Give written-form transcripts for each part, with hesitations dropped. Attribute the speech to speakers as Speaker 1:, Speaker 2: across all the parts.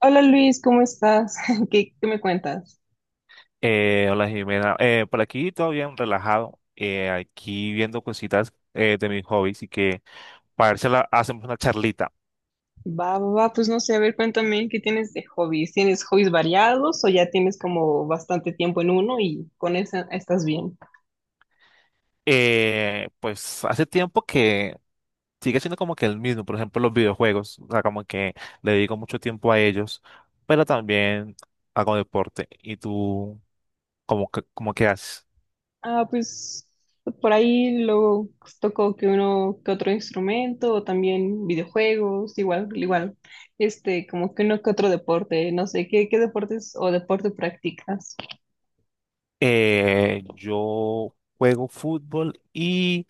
Speaker 1: Hola Luis, ¿cómo estás? ¿Qué me cuentas?
Speaker 2: Hola, Jimena. Por aquí todo bien, relajado. Aquí viendo cositas, de mis hobbies, y que para ver si hacemos una charlita.
Speaker 1: Va, pues no sé, a ver, cuéntame, ¿qué tienes de hobbies? ¿Tienes hobbies variados o ya tienes como bastante tiempo en uno y con esa estás bien?
Speaker 2: Pues hace tiempo que sigue siendo como que el mismo, por ejemplo los videojuegos, o sea, como que le dedico mucho tiempo a ellos, pero también hago deporte. ¿Y tú cómo, cómo que haces?
Speaker 1: Ah, pues por ahí luego pues toco que uno que otro instrumento o también videojuegos, igual, este, como que uno que otro deporte, no sé, ¿qué deportes o deporte practicas?
Speaker 2: Yo juego fútbol y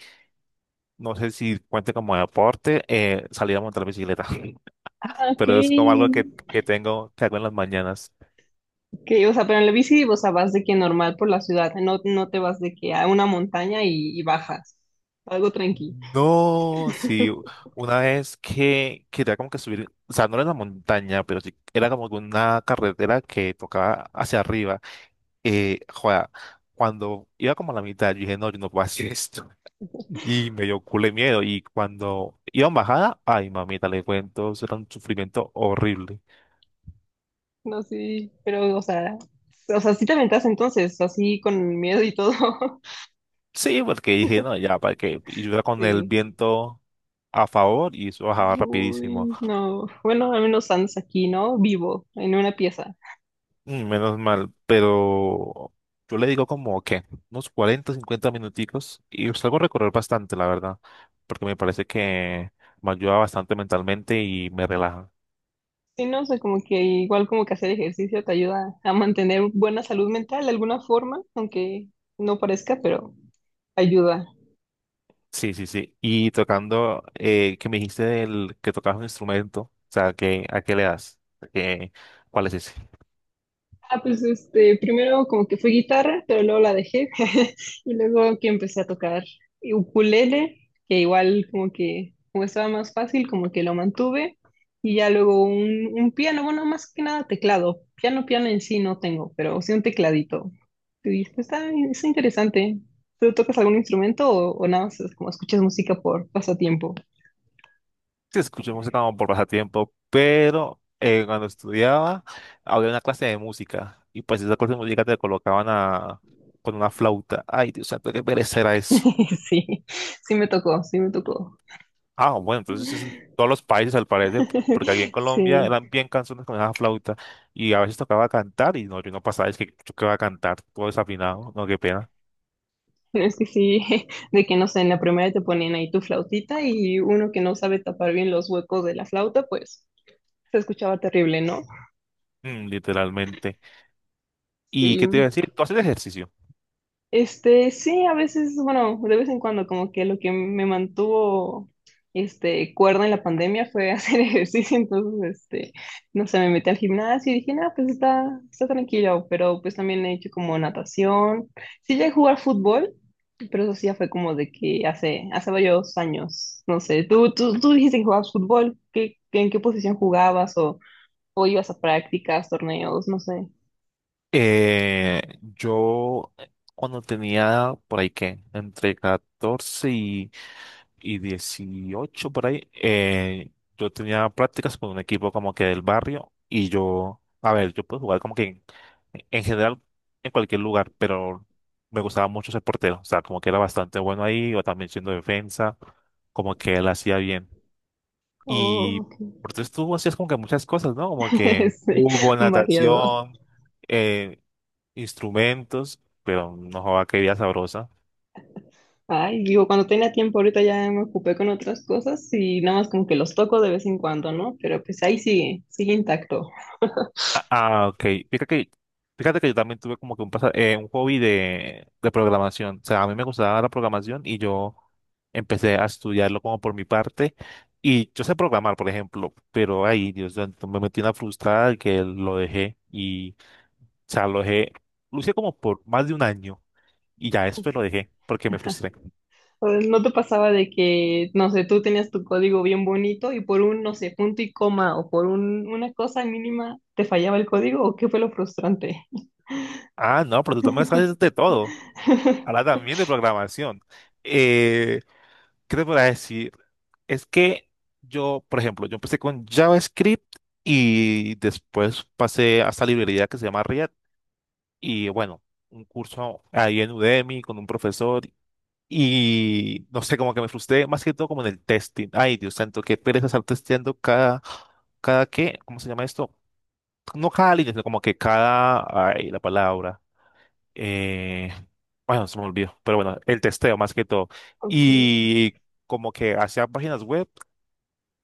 Speaker 2: no sé si cuente como deporte, salir a montar bicicleta.
Speaker 1: Ah, ok.
Speaker 2: Pero es como algo que tengo, que hago en las mañanas.
Speaker 1: Que, o sea, pero en la bici, o sea, vas de que normal por la ciudad, no, no te vas de que a una montaña y bajas, algo tranqui.
Speaker 2: No, sí, una vez que quería como que subir, o sea, no era la montaña, pero sí, era como que una carretera que tocaba hacia arriba. Joda, cuando iba como a la mitad, yo dije, no, yo no puedo hacer esto. Y me dio culo de miedo. Y cuando iba en bajada, ay, mamita, le cuento, eso era un sufrimiento horrible.
Speaker 1: No, sí, pero, o sea, sí te aventas entonces, así con miedo y todo.
Speaker 2: Sí, porque dije, no, ya, para qué. Y yo iba con el
Speaker 1: Sí.
Speaker 2: viento a favor y eso bajaba rapidísimo.
Speaker 1: Uy, no. Bueno, al menos andas aquí, ¿no? Vivo, en una pieza.
Speaker 2: Mm, menos mal, pero yo le digo como que unos 40, 50 minuticos y salgo a recorrer bastante, la verdad, porque me parece que me ayuda bastante mentalmente y me relaja.
Speaker 1: Sí, no, sé, como que igual como que hacer ejercicio te ayuda a mantener buena salud mental de alguna forma, aunque no parezca, pero ayuda.
Speaker 2: Sí, sí, sí. Y tocando, que me dijiste del que tocabas un instrumento, o sea, que, ¿a qué le das? ¿Qué- cuál es ese?
Speaker 1: Ah, pues este, primero como que fue guitarra, pero luego la dejé, y luego que empecé a tocar ukulele, que igual como que como estaba más fácil, como que lo mantuve y ya luego un piano, bueno, más que nada teclado. Piano, piano en sí no tengo, pero sí un tecladito. Y pues, está, es interesante. ¿Tú tocas algún instrumento o nada más es como escuchas música por pasatiempo?
Speaker 2: Sí, escuché música como por pasatiempo, pero cuando estudiaba había una clase de música y pues esa clase de música te colocaban a, con una flauta. Ay, Dios santo, qué pereza era eso.
Speaker 1: Sí, sí me tocó.
Speaker 2: Ah, bueno, entonces es en todos los países al parecer, porque aquí en Colombia
Speaker 1: Sí.
Speaker 2: eran bien canciones con esa flauta y a veces tocaba cantar y no, yo no pasaba, es que yo que iba a cantar, todo desafinado, no, qué pena.
Speaker 1: Pero es que sí, de que no sé, en la primera te ponían ahí tu flautita y uno que no sabe tapar bien los huecos de la flauta, pues se escuchaba terrible, ¿no?
Speaker 2: Mm, literalmente. ¿Y qué te
Speaker 1: Sí.
Speaker 2: iba a decir? ¿Tú haces ejercicio?
Speaker 1: Este, sí, a veces, bueno, de vez en cuando, como que lo que me mantuvo, este, cuerda en la pandemia fue hacer ejercicio, entonces, este, no sé, me metí al gimnasio y dije, no, pues está, está tranquilo, pero pues también he hecho como natación, sí llegué a jugar fútbol, pero eso sí ya fue como de que hace varios años, no sé, tú dijiste que jugabas fútbol, en qué posición jugabas o ibas a prácticas, torneos, no sé.
Speaker 2: Yo cuando tenía por ahí que entre 14 y 18 por ahí, yo tenía prácticas con un equipo como que del barrio y yo, a ver, yo puedo jugar como que en general en cualquier lugar, pero me gustaba mucho ser portero, o sea, como que era bastante bueno ahí, o también siendo defensa, como que él hacía bien.
Speaker 1: Oh,
Speaker 2: Y
Speaker 1: ok.
Speaker 2: por eso tú hacías como que muchas cosas, ¿no? Como que
Speaker 1: Sí,
Speaker 2: fútbol,
Speaker 1: variado.
Speaker 2: natación, eh, instrumentos, pero no joda, qué vida sabrosa.
Speaker 1: Ay, digo, cuando tenía tiempo ahorita ya me ocupé con otras cosas y nada más como que los toco de vez en cuando, ¿no? Pero pues ahí sigue, sigue intacto.
Speaker 2: Ah, ah, ok. Fíjate que, fíjate que yo también tuve como que un, un hobby de programación. O sea, a mí me gustaba la programación y yo empecé a estudiarlo como por mi parte. Y yo sé programar, por ejemplo, pero ahí, Dios santo, me metí una frustrada que lo dejé, y o sea, lo dejé, lo hice como por más de un año y ya después lo dejé porque me frustré.
Speaker 1: Pues, ¿no te pasaba de que, no sé, tú tenías tu código bien bonito y por un, no sé, punto y coma o por un, una cosa mínima te fallaba el código o qué fue lo frustrante?
Speaker 2: Ah, no, pero tú también sabes de todo. Ahora también de programación. Eh, ¿Qué te podría decir? Es que yo, por ejemplo, yo empecé con JavaScript y después pasé a esta librería que se llama React y bueno, un curso ahí en Udemy con un profesor, y no sé, como que me frustré más que todo como en el testing. Ay, Dios santo, qué pereza estar testeando cada, cada qué, ¿cómo se llama esto? No cada línea, sino como que cada, ay, la palabra. Eh, bueno, se me olvidó, pero bueno, el testeo más que todo.
Speaker 1: Ok,
Speaker 2: Y como que hacía páginas web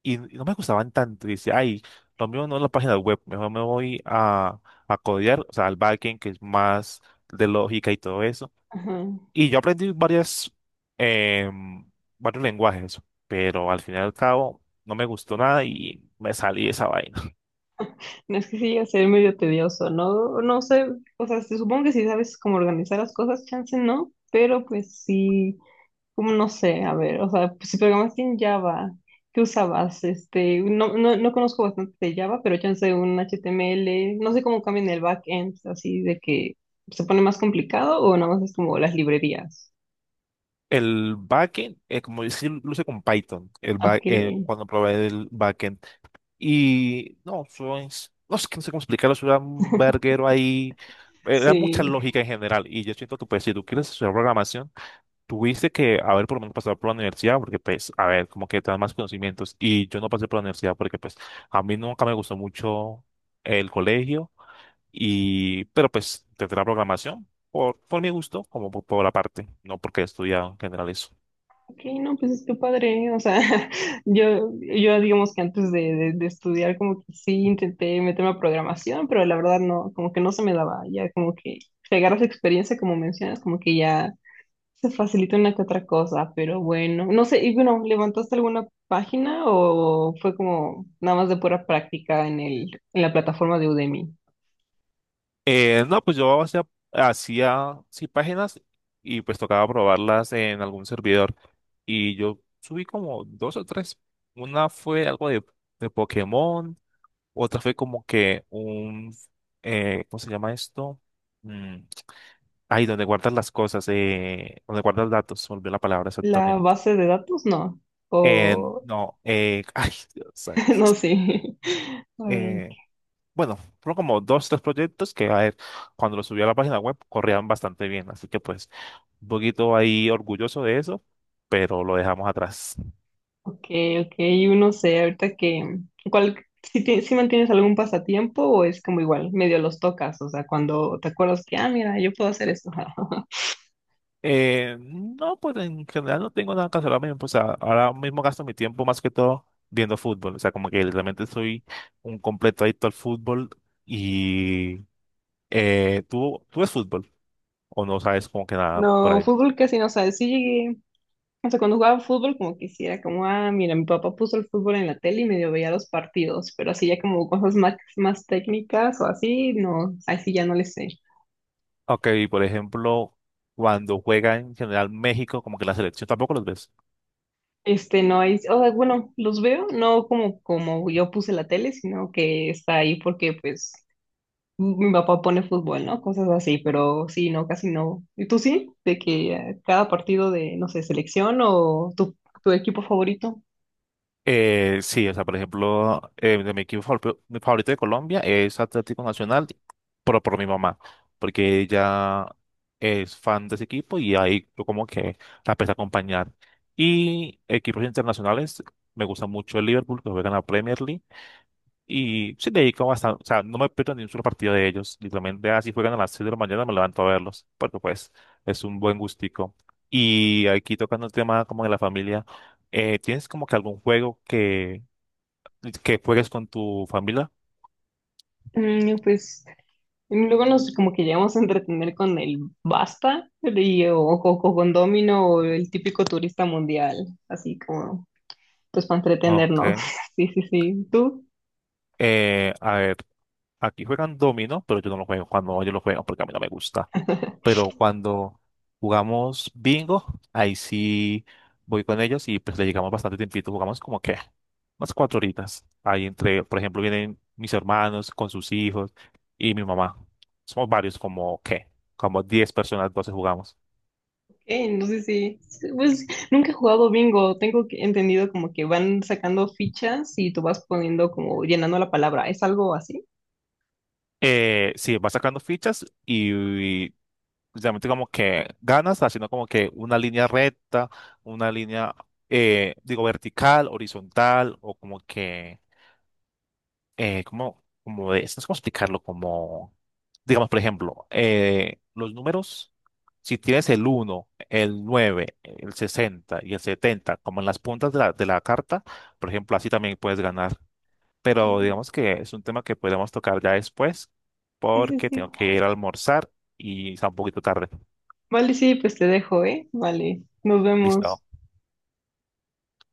Speaker 2: y no me gustaban tanto. Y decía, ay, lo mío no es la página web, mejor me voy a codear, o sea, al backend, que es más de lógica y todo eso.
Speaker 1: ajá.
Speaker 2: Y yo aprendí varias, em, varios lenguajes, pero al fin y al cabo no me gustó nada y me salí de esa vaina.
Speaker 1: No, es que sí llega a ser medio tedioso, ¿no? No sé, o sea, supongo que si sabes cómo organizar las cosas, chance no, pero pues sí. Como no sé, a ver, o sea, pues si programaste en Java, ¿qué usabas? Este, no conozco bastante de Java, pero chance un HTML, no sé cómo cambian el backend, así de que se pone más complicado o nada más es como las librerías.
Speaker 2: El backend, como dice, lo hice con Python.
Speaker 1: Ok,
Speaker 2: Cuando probé el backend. Y no, no sé, no sé cómo explicarlo, eso era un verguero ahí, era mucha
Speaker 1: sí.
Speaker 2: lógica en general. Y yo siento que pues si tú quieres estudiar programación, tuviste que haber por lo menos pasado por la universidad, porque pues, a ver, como que te dan más conocimientos. Y yo no pasé por la universidad porque pues a mí nunca me gustó mucho el colegio, y pero pues tendré la programación por mi gusto, como por la parte, no porque he estudiado en general eso.
Speaker 1: Ok, no, pues es que padre, o sea, yo digamos que antes de, de estudiar como que sí intenté meterme a programación, pero la verdad no, como que no se me daba, ya como que pegar esa experiencia como mencionas, como que ya se facilita una que otra cosa, pero bueno, no sé, y bueno, ¿levantaste alguna página o fue como nada más de pura práctica en el, en la plataforma de Udemy?
Speaker 2: No, pues yo hacía, sí, páginas y pues tocaba probarlas en algún servidor. Y yo subí como dos o tres. Una fue algo de Pokémon, otra fue como que un, ¿cómo se llama esto? Mm, ahí donde guardas las cosas, donde guardas datos, se me olvidó la palabra
Speaker 1: ¿La
Speaker 2: exactamente.
Speaker 1: base de datos? No.
Speaker 2: Eh,
Speaker 1: O
Speaker 2: no, ay, Dios santo.
Speaker 1: no sé. A ver,
Speaker 2: Eh, bueno, fueron como dos, tres proyectos que, a ver, cuando los subí a la página web, corrían bastante bien. Así que pues un poquito ahí orgulloso de eso, pero lo dejamos atrás.
Speaker 1: ok, ok, yo no sé, ahorita que, ¿cuál, si, si mantienes algún pasatiempo o es como igual, medio los tocas, o sea, cuando te acuerdas que, ah, mira, yo puedo hacer esto?
Speaker 2: No, pues en general no tengo nada que hacer ahora mismo, o sea, ahora mismo gasto mi tiempo más que todo viendo fútbol, o sea, como que realmente soy un completo adicto al fútbol. Y tú ves fútbol o no sabes como que nada por
Speaker 1: No,
Speaker 2: ahí?
Speaker 1: fútbol casi no sabes, sí llegué. O sea, cuando jugaba fútbol, como que sí era como, ah, mira, mi papá puso el fútbol en la tele y medio veía los partidos, pero así ya como cosas más técnicas o así, no, así ya no les sé.
Speaker 2: Ok, por ejemplo, cuando juega en general México, como que la selección, tampoco los ves.
Speaker 1: Este, no hay, o sea, bueno, los veo, no como, como yo puse la tele, sino que está ahí porque, pues, mi papá pone fútbol, ¿no? Cosas así, pero sí, no, casi no. ¿Y tú sí? De que cada partido de, no sé, selección o tu equipo favorito.
Speaker 2: Sí, o sea, por ejemplo, de mi mi favorito de Colombia es Atlético Nacional, pero por mi mamá, porque ella es fan de ese equipo y ahí yo como que la empecé a acompañar. Y equipos internacionales, me gusta mucho el Liverpool, que juega en la Premier League. Y sí, le dedico bastante, o sea, no me pierdo ni un solo partido de ellos. Literalmente, así juegan a las 6 de la mañana, me levanto a verlos, porque pues es un buen gustico. Y aquí tocando el tema como de la familia, ¿tienes como que algún juego que juegues con tu familia?
Speaker 1: Mm, pues. Y luego nos como que llegamos a entretener con el basta y, o con Domino o el típico turista mundial, así como pues para
Speaker 2: Ok.
Speaker 1: entretenernos. Sí, sí, sí. ¿Tú?
Speaker 2: A ver, aquí juegan dominó, pero yo no lo juego, cuando yo lo juego porque a mí no me gusta. Pero cuando jugamos bingo, ahí sí voy con ellos y pues le llegamos bastante tiempito, jugamos como que unas cuatro horitas. Ahí entre, por ejemplo, vienen mis hermanos con sus hijos y mi mamá. Somos varios, como que, como 10 personas, 12 jugamos.
Speaker 1: No sé si, pues nunca he jugado bingo, tengo entendido como que van sacando fichas y tú vas poniendo como llenando la palabra, ¿es algo así?
Speaker 2: Sí, vas sacando fichas y realmente como que ganas haciendo como que una línea recta, una línea, digo, vertical, horizontal, o como que como, como de, no sé cómo explicarlo, como, digamos, por ejemplo, los números, si tienes el uno, el nueve, el 60 y el 70 como en las puntas de la carta, por ejemplo, así también puedes ganar.
Speaker 1: Ok.
Speaker 2: Pero digamos que es un tema que podemos tocar ya después,
Speaker 1: Sí, sí,
Speaker 2: porque
Speaker 1: sí.
Speaker 2: tengo que ir a almorzar y está un poquito tarde.
Speaker 1: Vale, sí, pues te dejo, ¿eh? Vale, nos vemos.
Speaker 2: Listo.